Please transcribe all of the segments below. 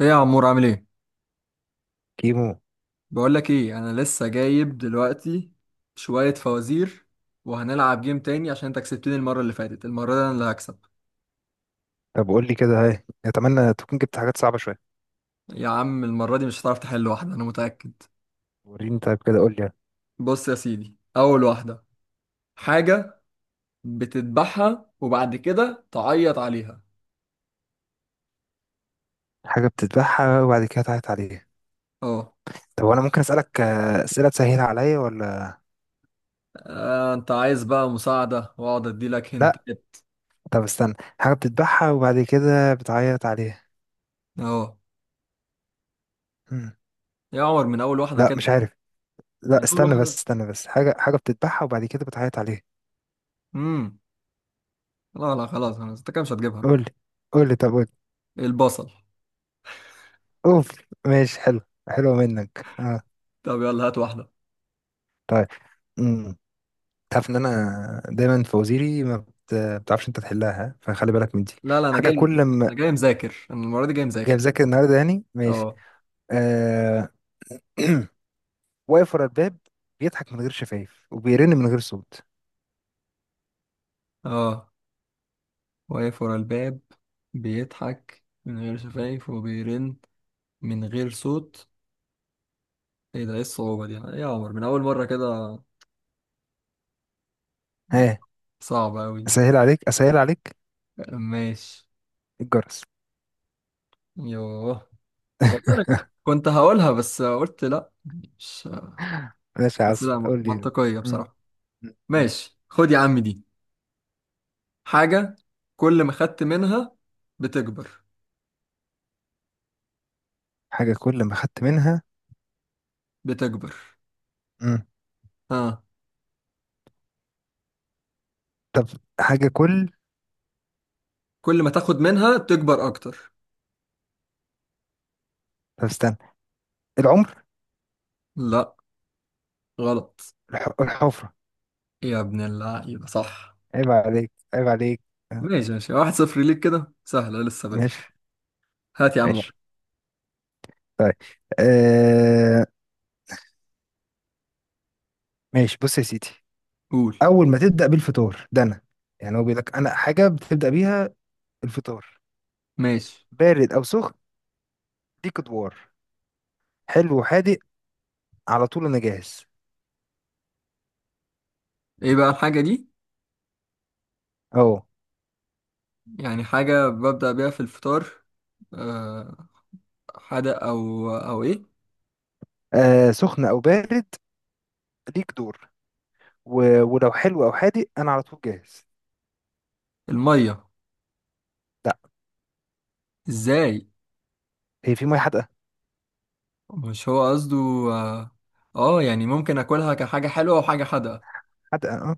ايه يا عمور عامل ايه؟ كيمو. بقول لك ايه، انا لسه جايب دلوقتي شوية فوازير وهنلعب جيم تاني عشان انت كسبتني المرة اللي فاتت، المرة دي انا اللي هكسب. طب قول لي كده، هاي اتمنى تكون جبت حاجات صعبه شويه. يا عم المرة دي مش هتعرف تحل واحدة انا متأكد. وريني طيب كده قول لي يعني. بص يا سيدي اول واحدة: حاجة بتذبحها وبعد كده تعيط عليها. حاجه بتذبحها وبعد كده تعيط عليها؟ اه. طب وانا ممكن اسالك اسئله تسهل عليا ولا انت عايز بقى مساعدة واقعد اديلك لا؟ هنتات؟ طب استنى. حاجه بتذبحها وبعد كده بتعيط عليها. اه. مم. يا عمر من اول واحدة لا كده؟ مش عارف. لا من اول استنى واحدة. بس، استنى بس، حاجه، بتذبحها وبعد كده بتعيط عليها. امم لا لا، خلاص خلاص، انت كده مش هتجيبها. قول لي، قول لي، طب قول لي. البصل. اوف. ماشي حلو، حلوه منك، اه. طب يلا هات واحدة. طيب. امم، تعرف ان انا دايما فوازيري ما بتعرفش انت تحلها، ها؟ فخلي بالك من دي. لا لا انا حاجه جاي، كل ما. انا جاي مذاكر، انا المره دي جاي اوكي، مذاكر. مذاكر النهارده يعني، ماشي. اه. آه... واقف ورا الباب، بيضحك من غير شفايف وبيرن من غير صوت. اه. واقف ورا الباب، بيضحك من غير شفايف وبيرن من غير صوت. ايه ده؟ ايه الصعوبه دي؟ ايه يا عمر من اول مره كده؟ لا، ها؟ صعبه قوي دي. اسهل عليك، اسهل عليك. ماشي. الجرس. يوه، والله أنا كنت هقولها بس قلت لا، مش، ماشي يا بس عسل، لا قول لي. منطقيه م- بصراحه. م- م. ماشي خد يا عم دي: حاجه كل ما خدت منها بتكبر. حاجة كل ما خدت منها. بتكبر. م. ها. طب. حاجة كل. كل ما تاخد منها تكبر اكتر. طب استنى، العمر. لا، غلط. الحفرة. يا ابن اللعيبة صح. عيب عليك، عيب عليك. آه، ماشي ماشي، واحد صفر ليك، كده سهلة لسه بدري. ماشي هات يا عم ماشي. واحد. طيب. آه... ماشي، بص يا سيدي. قول. أول ما تبدأ بالفطار ده، أنا يعني هو بيقول لك أنا حاجة بتبدأ بيها الفطار، ماشي. بارد او سخن، دي ادوار، حلو وحادق، على طول انا جاهز. ايه بقى الحاجة دي؟ اهو. يعني حاجة ببدأ بيها في الفطار؟ أه. حدق أو أو إيه؟ آه، سخن او بارد، ليك دور، ولو حلو او حادق انا على طول جاهز. المية؟ لا، إزاي؟ هي في ميه حادقه؟ مش هو قصده. آه، آه يعني ممكن أكلها كحاجة حلوة وحاجة حادقة. حادقه اه.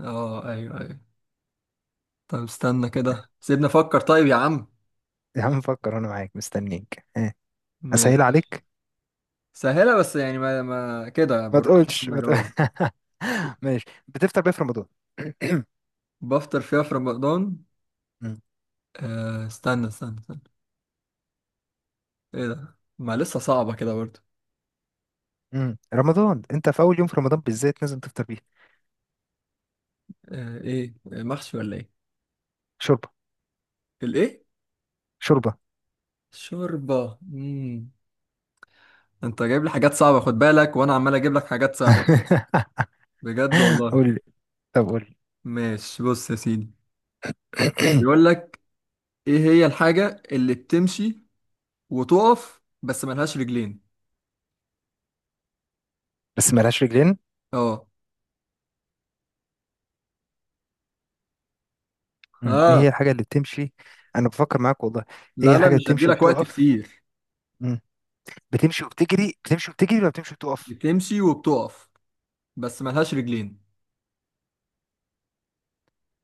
آه أيوه أيوه. طب استنى كده سيبنا أفكر، طيب يا عم. يا عم فكر، انا معاك مستنيك آه. ماشي، اسهل عليك. سهلة، بس يعني ما كده ما بالراحة تقولش، عشان ما تقول... أجاوبها. ماشي، بتفطر بيه في رمضان. بفطر فيها في رمضان. مم. آه استنى استنى استنى. ايه ده ما لسه صعبة كده برضه. رمضان، انت في اول يوم في رمضان بالذات لازم تفطر بيه. آه ايه، محشي ولا ايه؟ شوربه. الايه؟ شوربه. شوربة. انت جايب لي حاجات صعبة خد بالك، وانا عمال اجيب لك حاجات سهلة، بجد والله. قول لي، طب قول ماشي بص يا سيدي، لي. بيقول لك ايه هي الحاجة اللي بتمشي وتقف بس ملهاش رجلين. بس ملهاش رجلين. اه. مم. ايه اه. هي الحاجة اللي بتمشي؟ انا بفكر معاك والله. ايه هي لا لا الحاجة اللي مش هدي بتمشي لك وقت وبتقف؟ كتير. مم. بتمشي وبتجري، بتمشي وبتجري ولا بتمشي وبتقف؟ بتمشي وبتقف بس ملهاش رجلين.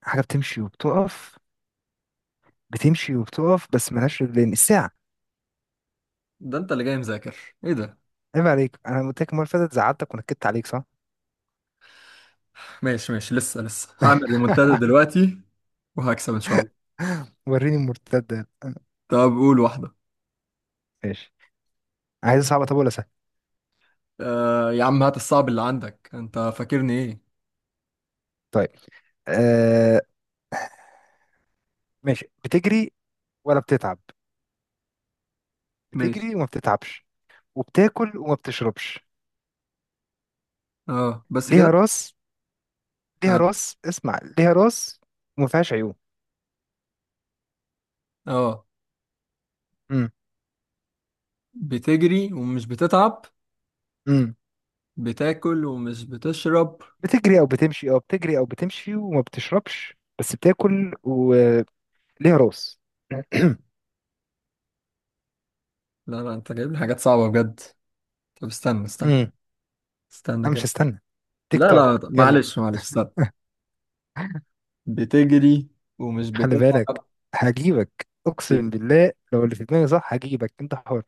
حاجة بتمشي وبتقف، بتمشي وبتقف بس ملهاش رجلين. الساعة. ده انت اللي جاي مذاكر؟ ايه ده؟ عيب عليك، انا قلت لك المرة اللي فاتت زعلتك ونكدت عليك، صح؟ ماشي ماشي لسه، لسه هعمل ريمونتادا دلوقتي وهكسب ان شاء الله. وريني المرتدة. طب قول واحدة. ماشي، عايز صعبة طب ولا سهل؟ آه يا عم هات الصعب اللي عندك، انت فاكرني ايه؟ طيب. آه. ماشي، بتجري ولا بتتعب؟ ماشي. بتجري وما بتتعبش، وبتاكل وما بتشربش، اه بس ليها كده؟ راس، ليها اه. راس، اسمع، ليها راس وما فيهاش عيون. اه. بتجري ومش بتتعب، امم. بتاكل ومش بتشرب. بتجري او بتمشي، اه بتجري او بتمشي وما بتشربش بس بتاكل، وليها راس. لا لا انت جايب لي حاجات صعبة بجد. طب استنى استنى، امم. استنى انا مش كده. هستنى، تيك لا لا توك طب يلا. معلش معلش استنى. بتجري ومش خلي بالك، بتتعب. هجيبك ب... اقسم بالله، لو اللي في دماغي صح هجيبك، انت حر.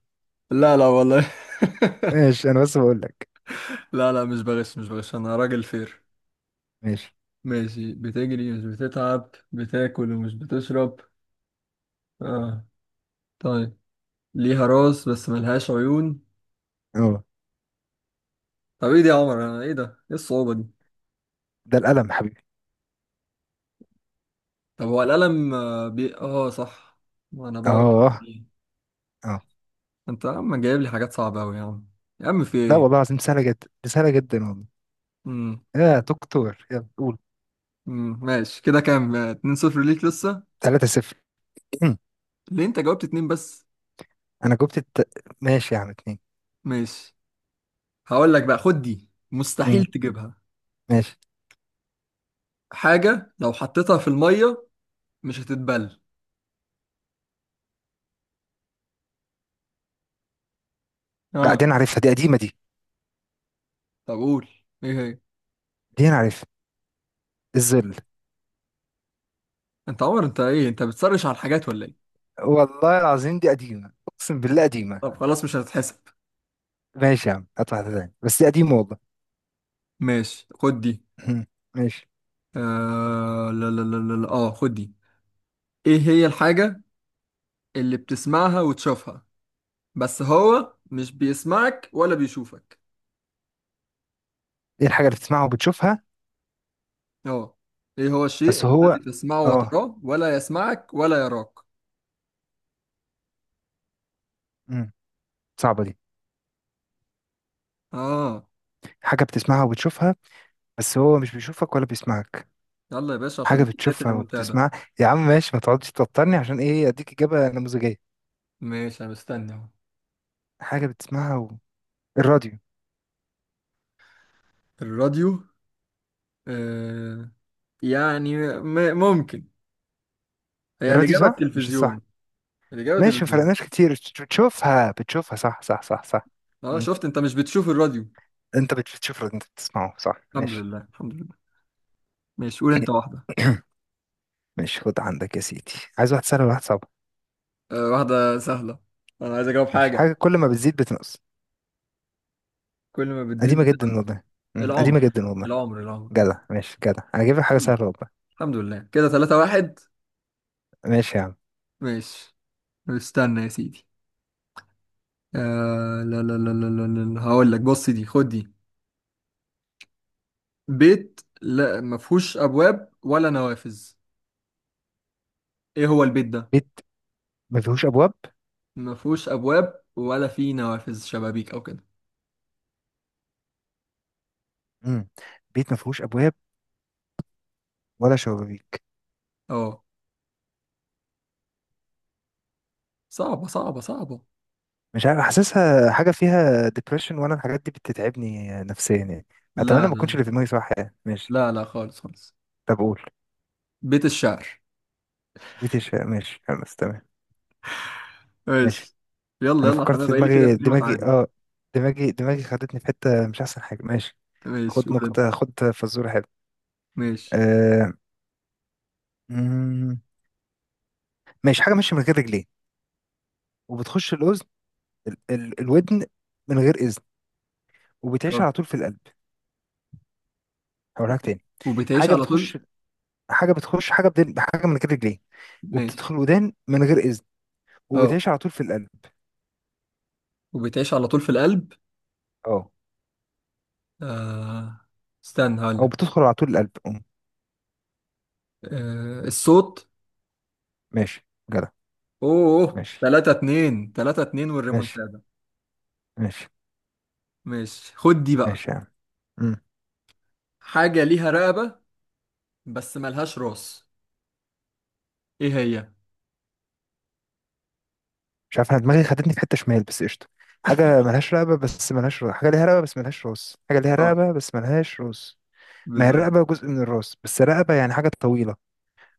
لا لا والله. ماشي انا بس بقول لك. لا لا مش بغش مش بغش، انا راجل فير. ماشي. ماشي، بتجري مش بتتعب، بتاكل ومش بتشرب. اه. طيب ليها راس بس ملهاش عيون. اه، طب ايه دي يا عمر؟ انا ايه ده؟ ايه الصعوبة دي؟ ده القلم حبيبي. طب هو القلم، اه صح، ما انا بقعد أكتب اه، فيه. اه. انت يا عم جايب لي حاجات صعبة اوي يا عم، يا عم في لا والله ايه؟ العظيم سهله جدا، دي سهله جدا والله. امم يا دكتور يلا قول. ماشي كده كام؟ 2-0 ليك لسه. 3-0. ليه انت جاوبت اتنين بس؟ انا جبت الت... ماشي يا عم، اتنين. ماشي. هقول لك بقى خد دي، مستحيل مم. تجيبها: ماشي. حاجة لو حطيتها في المية مش هتتبل. لا، اه. دي انا عارفها، دي قديمه دي، طب قول ايه هي. دي انا عارفها. الذل. انت عمر انت ايه، انت بتسرش على الحاجات ولا ايه؟ والله العظيم دي قديمة، أقسم بالله قديمة. طب خلاص مش هتتحسب. ماشي يا عم، هات واحدة تاني بس دي قديمة والله. ماشي خد دي. مم. ماشي. آه لا لا لا لا لا. اه خد دي: ايه هي الحاجة اللي بتسمعها وتشوفها بس هو مش بيسمعك ولا بيشوفك. إيه الحاجة اللي بتسمعها وبتشوفها اه. ايه هو الشيء بس هو؟ الذي تسمعه آه. وتراه ولا يسمعك ولا يراك. مم. صعبة دي. اه. حاجة بتسمعها وبتشوفها بس هو مش بيشوفك ولا بيسمعك. يلا يا باشا حاجة عشان دي بداية بتشوفها الريمونتادا. وبتسمعها. يا عم ماشي، ما تقعدش توترني عشان إيه، أديك إجابة نموذجية. ماشي انا مستني اهو. حاجة بتسمعها الراديو. الراديو. آه. يعني ممكن هي الراديو الإجابة صح مش الصح؟ التلفزيون. الإجابة ماشي، ما التلفزيون. فرقناش كتير، بتشوفها، بتشوفها، صح صح صح صح. اه مم. شفت، انت مش بتشوف الراديو. أنت بتشوف الراديو، أنت بتسمعه، صح؟ الحمد ماشي. لله الحمد لله. ماشي قول انت واحدة. ماشي، خد عندك يا سيدي. عايز واحد سهل ولا واحد صعب؟ أه واحدة سهلة، انا عايز اجاوب ماشي. حاجة. حاجة كل ما بتزيد بتنقص. كل ما بتزيد قديمة جدا بتنقص. والله. مم، قديمة العمر. جدا والله. العمر العمر. جدع، ماشي جدع، انا جايب لك حاجة الحمد لله، سهلة والله. الحمد لله، كده 3 واحد. ماشي يا عم. ماشي. استنى يا سيدي. أه لا لا لا لا لا لا هقول لك، بص دي خد دي: بيت لا ما فيهوش ابواب ولا نوافذ، ايه هو البيت ده؟ بيت ما فيهوش ابواب. ما فيهوش ابواب ولا فيه نوافذ شبابيك او كده. مم. بيت ما فيهوش ابواب ولا شبابيك. اه. صعبة صعبة صعبة. مش عارف، حاسسها حاجة فيها ديبريشن وانا الحاجات دي بتتعبني نفسيا يعني. اتمنى لا ما اكونش لا اللي في دماغي صح يعني، ماشي. خالص خالص. طب قول. بيت الشعر. بيت الشعر. ماشي خلاص، تمام. ماشي. ماشي. يلا انا يلا عشان فكرت انا في بقالي كده دماغي، اتنين واتعادل. اه، دماغي خدتني في حتة مش احسن حاجة. ماشي، ماشي خد قول انت. نكتة، خد فزورة حلوة. ماشي. آه. مم، ماشي. حاجة ماشية من غير رجلين، وبتخش الأذن، ال ال الودن، من غير إذن، وبتعيش اه. على طول في القلب. هقولها لك تاني. وبتعيش حاجة على طول. بتخش حاجة بتخش، حاجة بدل حاجة، من غير رجلين، ماشي. وبتدخل الودان من غير إذن، اه. وبتعيش على طول في القلب. وبتعيش على طول في القلب. اه. آه. استنى هقول أو لك. بتدخل على طول القلب. أم، آه. الصوت. ماشي، جدع. اوه ماشي 3 2 3 2 ماشي. والريمونتادا. ماشي ماشي خد دي بقى: ماشي يا عم. حاجة ليها رقبة بس ملهاش راس، ايه هي؟ مش عارف، انا دماغي خدتني في حته شمال، بس قشطه. حاجه ملهاش رقبه بس ملهاش راس، حاجه ليها رقبه بس ملهاش راس، حاجه ليها اه رقبه بس ملهاش راس. ما هي بالظبط. الرقبه جزء من الراس، بس رقبه يعني حاجه طويله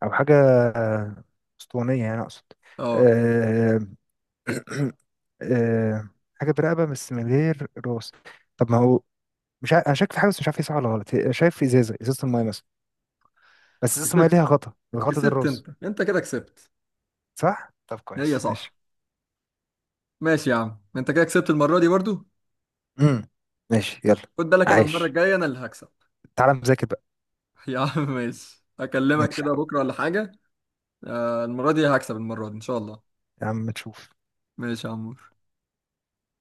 او حاجه آه، اسطوانيه يعني اقصد. اه أه... أه... حاجه برقبه بس من غير راس. طب ما هو مش عارف، انا شاك في حاجه بس مش عارف هي صح ولا غلط، شايف في ازازه، ازازه المايه مثلا، بس ازازه المايه ليها كسبت، غطا، الغطا ده كسبت، الراس. انت انت كده كسبت. صح؟ طب هي كويس، صح. ماشي. ماشي يا عم انت كده كسبت المرة دي برضو. امم. ماشي يلا. خد بالك انا المره عايش؟ الجايه انا اللي هكسب. تعالى مذاكر بقى. يا عم ماشي اكلمك ماشي كده بكره ولا حاجه. المره دي هكسب، المره دي ان شاء الله. يا عم، تشوف. ماشي يا عمور.